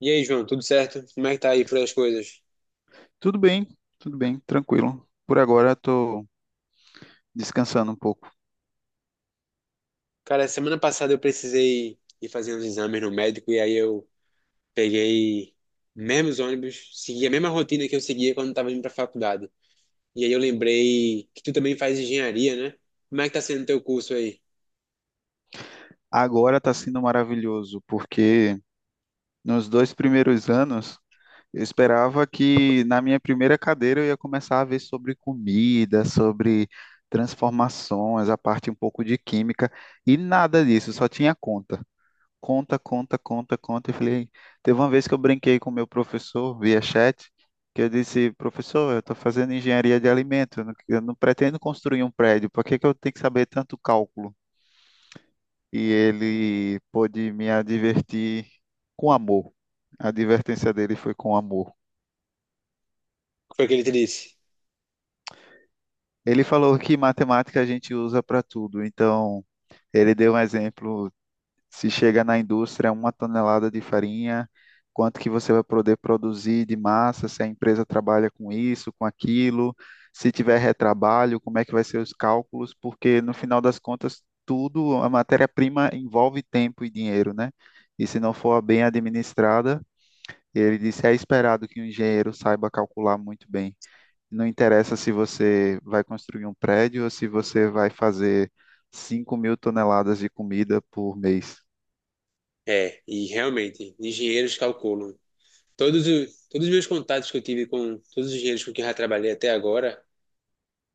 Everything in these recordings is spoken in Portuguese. E aí, João, tudo certo? Como é que tá aí por aí as coisas? Tudo bem, tudo bem, tranquilo. Por agora estou descansando um pouco. Cara, semana passada eu precisei ir fazer uns exames no médico e aí eu peguei mesmos ônibus, segui a mesma rotina que eu seguia quando tava indo pra faculdade. E aí eu lembrei que tu também faz engenharia, né? Como é que tá sendo o teu curso aí? Agora está sendo maravilhoso, porque nos dois primeiros anos eu esperava que na minha primeira cadeira eu ia começar a ver sobre comida, sobre transformações, a parte um pouco de química, e nada disso, só tinha conta. Conta, conta, conta, conta. E falei, teve uma vez que eu brinquei com o meu professor via chat, que eu disse, professor, eu estou fazendo engenharia de alimento, eu não pretendo construir um prédio, por que que eu tenho que saber tanto cálculo? E ele pôde me advertir com amor. A advertência dele foi com amor. O que foi que ele te disse? Ele falou que matemática a gente usa para tudo, então ele deu um exemplo. Se chega na indústria uma tonelada de farinha, quanto que você vai poder produzir de massa, se a empresa trabalha com isso, com aquilo, se tiver retrabalho, como é que vai ser os cálculos, porque no final das contas, tudo, a matéria-prima envolve tempo e dinheiro, né? E se não for bem administrada, ele disse, é esperado que o engenheiro saiba calcular muito bem. Não interessa se você vai construir um prédio ou se você vai fazer 5.000 toneladas de comida por mês. É, e realmente, engenheiros calculam. Todos os meus contatos que eu tive com todos os engenheiros com quem eu já trabalhei até agora,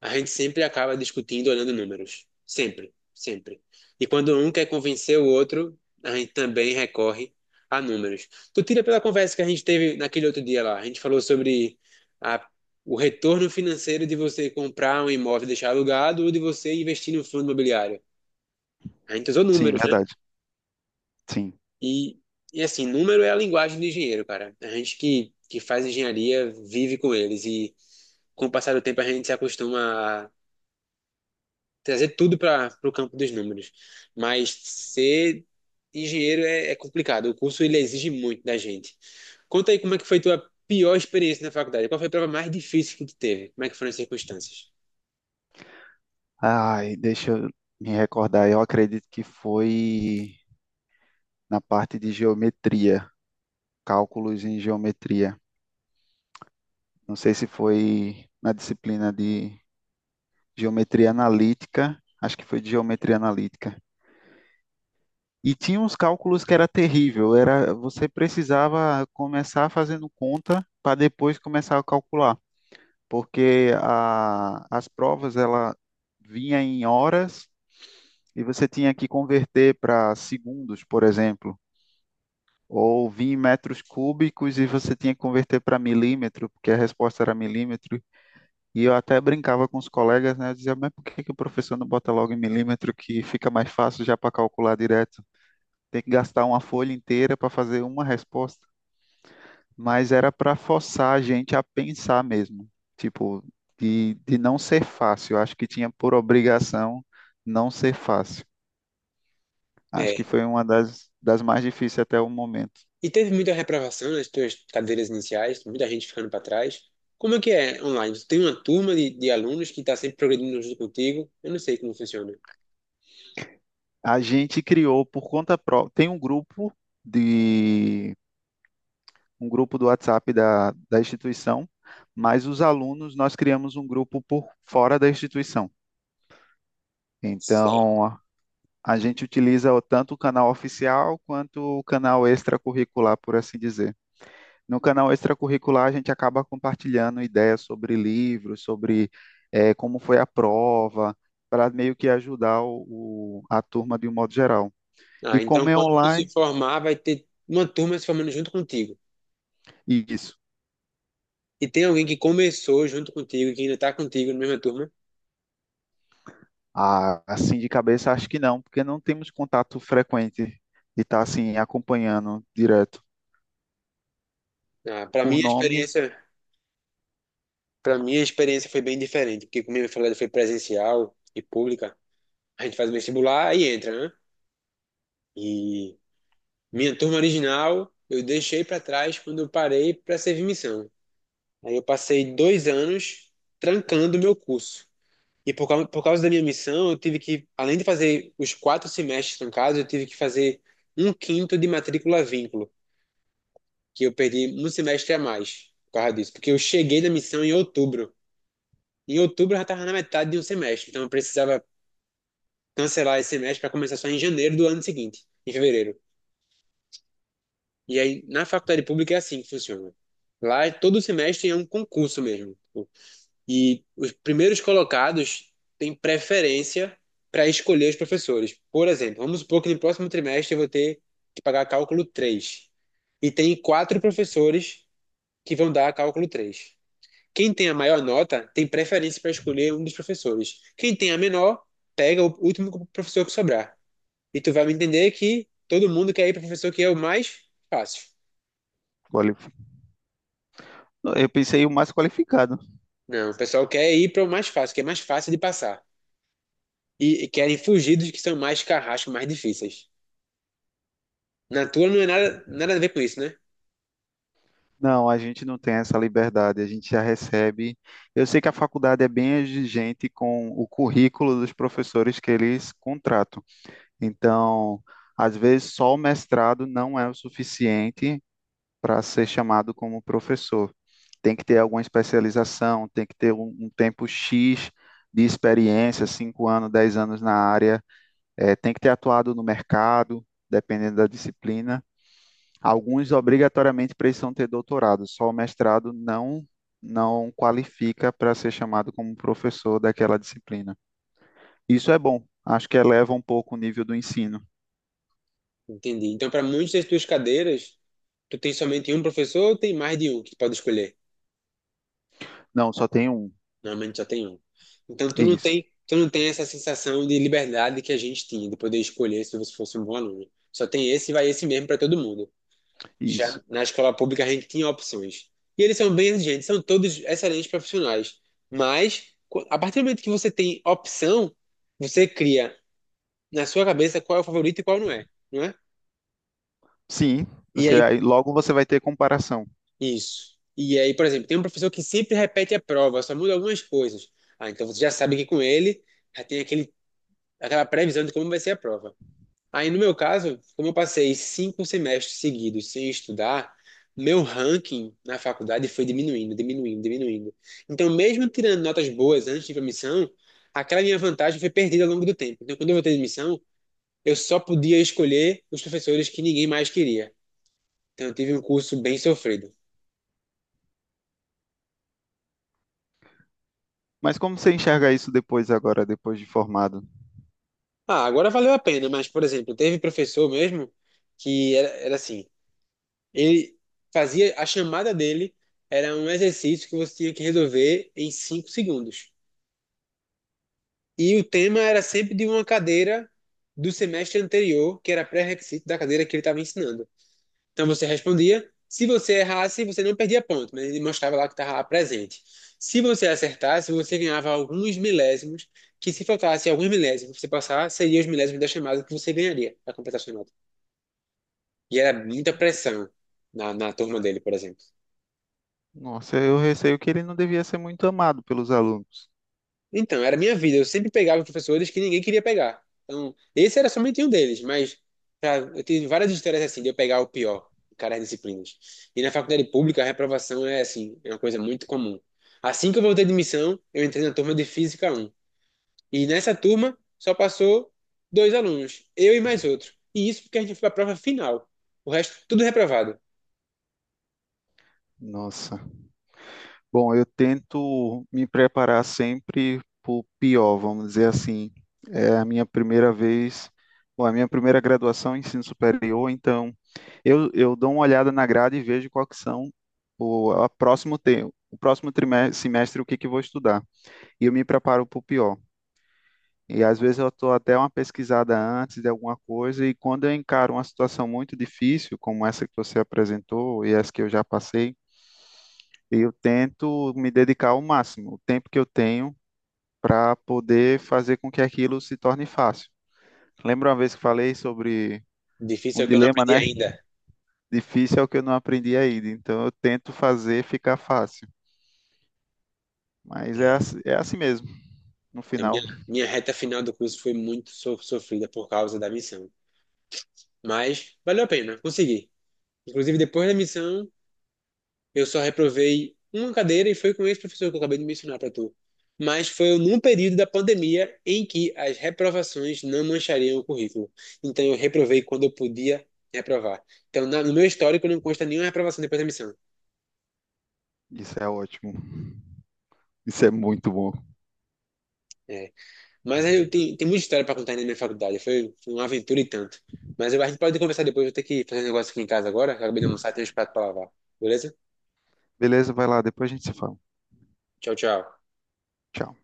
a gente sempre acaba discutindo olhando números. Sempre, sempre. E quando um quer convencer o outro, a gente também recorre a números. Tu tira pela conversa que a gente teve naquele outro dia lá. A gente falou sobre a- o retorno financeiro de você comprar um imóvel e deixar alugado ou de você investir no fundo imobiliário. A gente usou Sim, números, né? verdade. Sim. E, e assim, número é a linguagem do engenheiro, cara. A gente que faz engenharia vive com eles. E com o passar do tempo a gente se acostuma trazer tudo para o campo dos números. Mas ser engenheiro é complicado. O curso ele exige muito da gente. Conta aí como é que foi tua pior experiência na faculdade. Qual foi a prova mais difícil que tu teve? Como é que foram as circunstâncias? Ai, deixa eu me recordar. Eu acredito que foi na parte de geometria, cálculos em geometria. Não sei se foi na disciplina de geometria analítica, acho que foi de geometria analítica. E tinha uns cálculos que era terrível, era você precisava começar fazendo conta para depois começar a calcular, porque as provas ela vinha em horas e você tinha que converter para segundos, por exemplo, ou vir em metros cúbicos e você tinha que converter para milímetro, porque a resposta era milímetro. E eu até brincava com os colegas, né? Eu dizia, mas por que que o professor não bota logo em milímetro que fica mais fácil já para calcular direto? Tem que gastar uma folha inteira para fazer uma resposta. Mas era para forçar a gente a pensar mesmo, tipo, de não ser fácil. Eu acho que tinha por obrigação não ser fácil. Acho que É. foi uma das mais difíceis até o momento. E teve muita reprovação nas tuas cadeiras iniciais, muita gente ficando para trás. Como é que é online? Tu tem uma turma de alunos que está sempre progredindo junto contigo? Eu não sei como funciona. A gente criou por conta própria. Tem um grupo de um grupo do WhatsApp da instituição, mas os alunos nós criamos um grupo por fora da instituição. Certo. Então a gente utiliza tanto o canal oficial quanto o canal extracurricular, por assim dizer. No canal extracurricular, a gente acaba compartilhando ideias sobre livros, sobre como foi a prova, para meio que ajudar a turma de um modo geral. E Ah, então como é quando tu se online, formar, vai ter uma turma se formando junto contigo. isso. E tem alguém que começou junto contigo, que ainda tá contigo na mesma turma? Ah, assim de cabeça, acho que não, porque não temos contato frequente de estar assim acompanhando direto Ah, para mim por a nome. experiência, para mim a experiência foi bem diferente, porque como eu falei, foi presencial e pública. A gente faz o vestibular e entra, né? E minha turma original eu deixei para trás quando eu parei para servir missão. Aí eu passei 2 anos trancando o meu curso. E por causa da minha missão, eu tive que, além de fazer os 4 semestres trancados, eu tive que fazer um quinto de matrícula vínculo. Que eu perdi um semestre a mais por causa disso, porque eu cheguei na missão em outubro. Em outubro eu já estava na metade de um semestre, então eu precisava cancelar esse semestre para começar só em janeiro do ano seguinte, em fevereiro. E aí na faculdade pública é assim que funciona. Lá todo semestre é um concurso mesmo. E os primeiros colocados têm preferência para escolher os professores. Por exemplo, vamos supor que no próximo trimestre eu vou ter que pagar cálculo 3, e tem quatro professores que vão dar cálculo 3. Quem tem a maior nota tem preferência para escolher um dos professores. Quem tem a menor, pega o último professor que sobrar. E tu vai me entender que todo mundo quer ir para o professor que é o mais fácil. quali- Eu pensei o mais qualificado. Não, o pessoal quer ir para o mais fácil, que é mais fácil de passar. E querem fugir dos que são mais carrascos, mais difíceis. Na tua não é nada, nada a ver com isso, né? Não, a gente não tem essa liberdade, a gente já recebe. Eu sei que a faculdade é bem exigente com o currículo dos professores que eles contratam. Então, às vezes, só o mestrado não é o suficiente para ser chamado como professor. Tem que ter alguma especialização, tem que ter um tempo X de experiência, 5 anos, 10 anos na área, tem que ter atuado no mercado, dependendo da disciplina. Alguns obrigatoriamente precisam ter doutorado, só o mestrado não qualifica para ser chamado como professor daquela disciplina. Isso é bom, acho que eleva um pouco o nível do ensino. Entendi. Então, para muitas das tuas cadeiras, tu tem somente um professor ou tem mais de um que tu pode escolher? Não, só tem um. Normalmente só tem um. Então Isso, tu não tem essa sensação de liberdade que a gente tinha, de poder escolher se você fosse um bom aluno. Só tem esse e vai esse mesmo para todo mundo. isso. Já na escola pública a gente tinha opções. E eles são bem exigentes, são todos excelentes profissionais. Mas a partir do momento que você tem opção, você cria na sua cabeça qual é o favorito e qual não é, não é? Sim, E você aí, aí logo você vai ter comparação. isso. E aí, por exemplo, tem um professor que sempre repete a prova, só muda algumas coisas. Ah, então você já sabe que com ele já tem aquele aquela previsão de como vai ser a prova. Aí, no meu caso, como eu passei 5 semestres seguidos sem estudar, meu ranking na faculdade foi diminuindo, diminuindo, diminuindo. Então, mesmo tirando notas boas antes de ir para a missão, aquela minha vantagem foi perdida ao longo do tempo. Então, quando eu voltei de missão, eu só podia escolher os professores que ninguém mais queria. Então, eu tive um curso bem sofrido. Mas como você enxerga isso depois agora, depois de formado? Ah, agora valeu a pena, mas, por exemplo, teve professor mesmo que era assim, ele fazia a chamada dele. Era um exercício que você tinha que resolver em 5 segundos. E o tema era sempre de uma cadeira do semestre anterior, que era pré-requisito da cadeira que ele estava ensinando. Então você respondia. Se você errasse, você não perdia ponto, mas ele mostrava lá que estava presente. Se você acertasse, você ganhava alguns milésimos, que se faltasse alguns milésimos, você passar, seriam os milésimos da chamada que você ganharia para completar a chamada. E era muita pressão na turma dele, por exemplo. Nossa, eu receio que ele não devia ser muito amado pelos alunos. Então, era a minha vida. Eu sempre pegava os professores que ninguém queria pegar. Então, esse era somente um deles, mas já, eu tive várias histórias assim de eu pegar o pior em cada disciplinas. E na faculdade pública, a reprovação é assim, é uma coisa muito comum. Assim que eu voltei de missão, eu entrei na turma de Física um e nessa turma só passou dois alunos, eu e mais outro. E isso porque a gente foi para a prova final. O resto, tudo reprovado. Nossa. Bom, eu tento me preparar sempre para o pior, vamos dizer assim. É a minha primeira vez, bom, a minha primeira graduação em ensino superior, então eu dou uma olhada na grade e vejo qual que são o a próximo te, o próximo trimestre, semestre o que que eu vou estudar. E eu me preparo para o pior. E às vezes eu estou até uma pesquisada antes de alguma coisa, e quando eu encaro uma situação muito difícil, como essa que você apresentou e essa que eu já passei, e eu tento me dedicar ao máximo, o tempo que eu tenho, para poder fazer com que aquilo se torne fácil. Lembra uma vez que falei sobre Difícil um é o que eu não dilema, aprendi né? ainda. Difícil é o que eu não aprendi ainda, então eu tento fazer ficar fácil. Mas É. É assim mesmo, no A minha, final. minha reta final do curso foi muito sofrida por causa da missão. Mas valeu a pena, consegui. Inclusive, depois da missão, eu só reprovei uma cadeira e foi com esse professor que eu acabei de mencionar para tu. Mas foi num período da pandemia em que as reprovações não manchariam o currículo. Então, eu reprovei quando eu podia reprovar. Então, no meu histórico, não consta nenhuma reprovação depois da missão. Isso é ótimo. Isso é muito bom. É. Mas aí eu tenho, tem muita história para contar ainda na minha faculdade. Foi uma aventura e tanto. Mas a gente pode conversar depois. Eu vou ter que fazer um negócio aqui em casa agora. Acabei de almoçar, tenho uns pratos para lavar. Beleza? Beleza, vai lá, depois a gente se fala. Tchau, tchau. Tchau.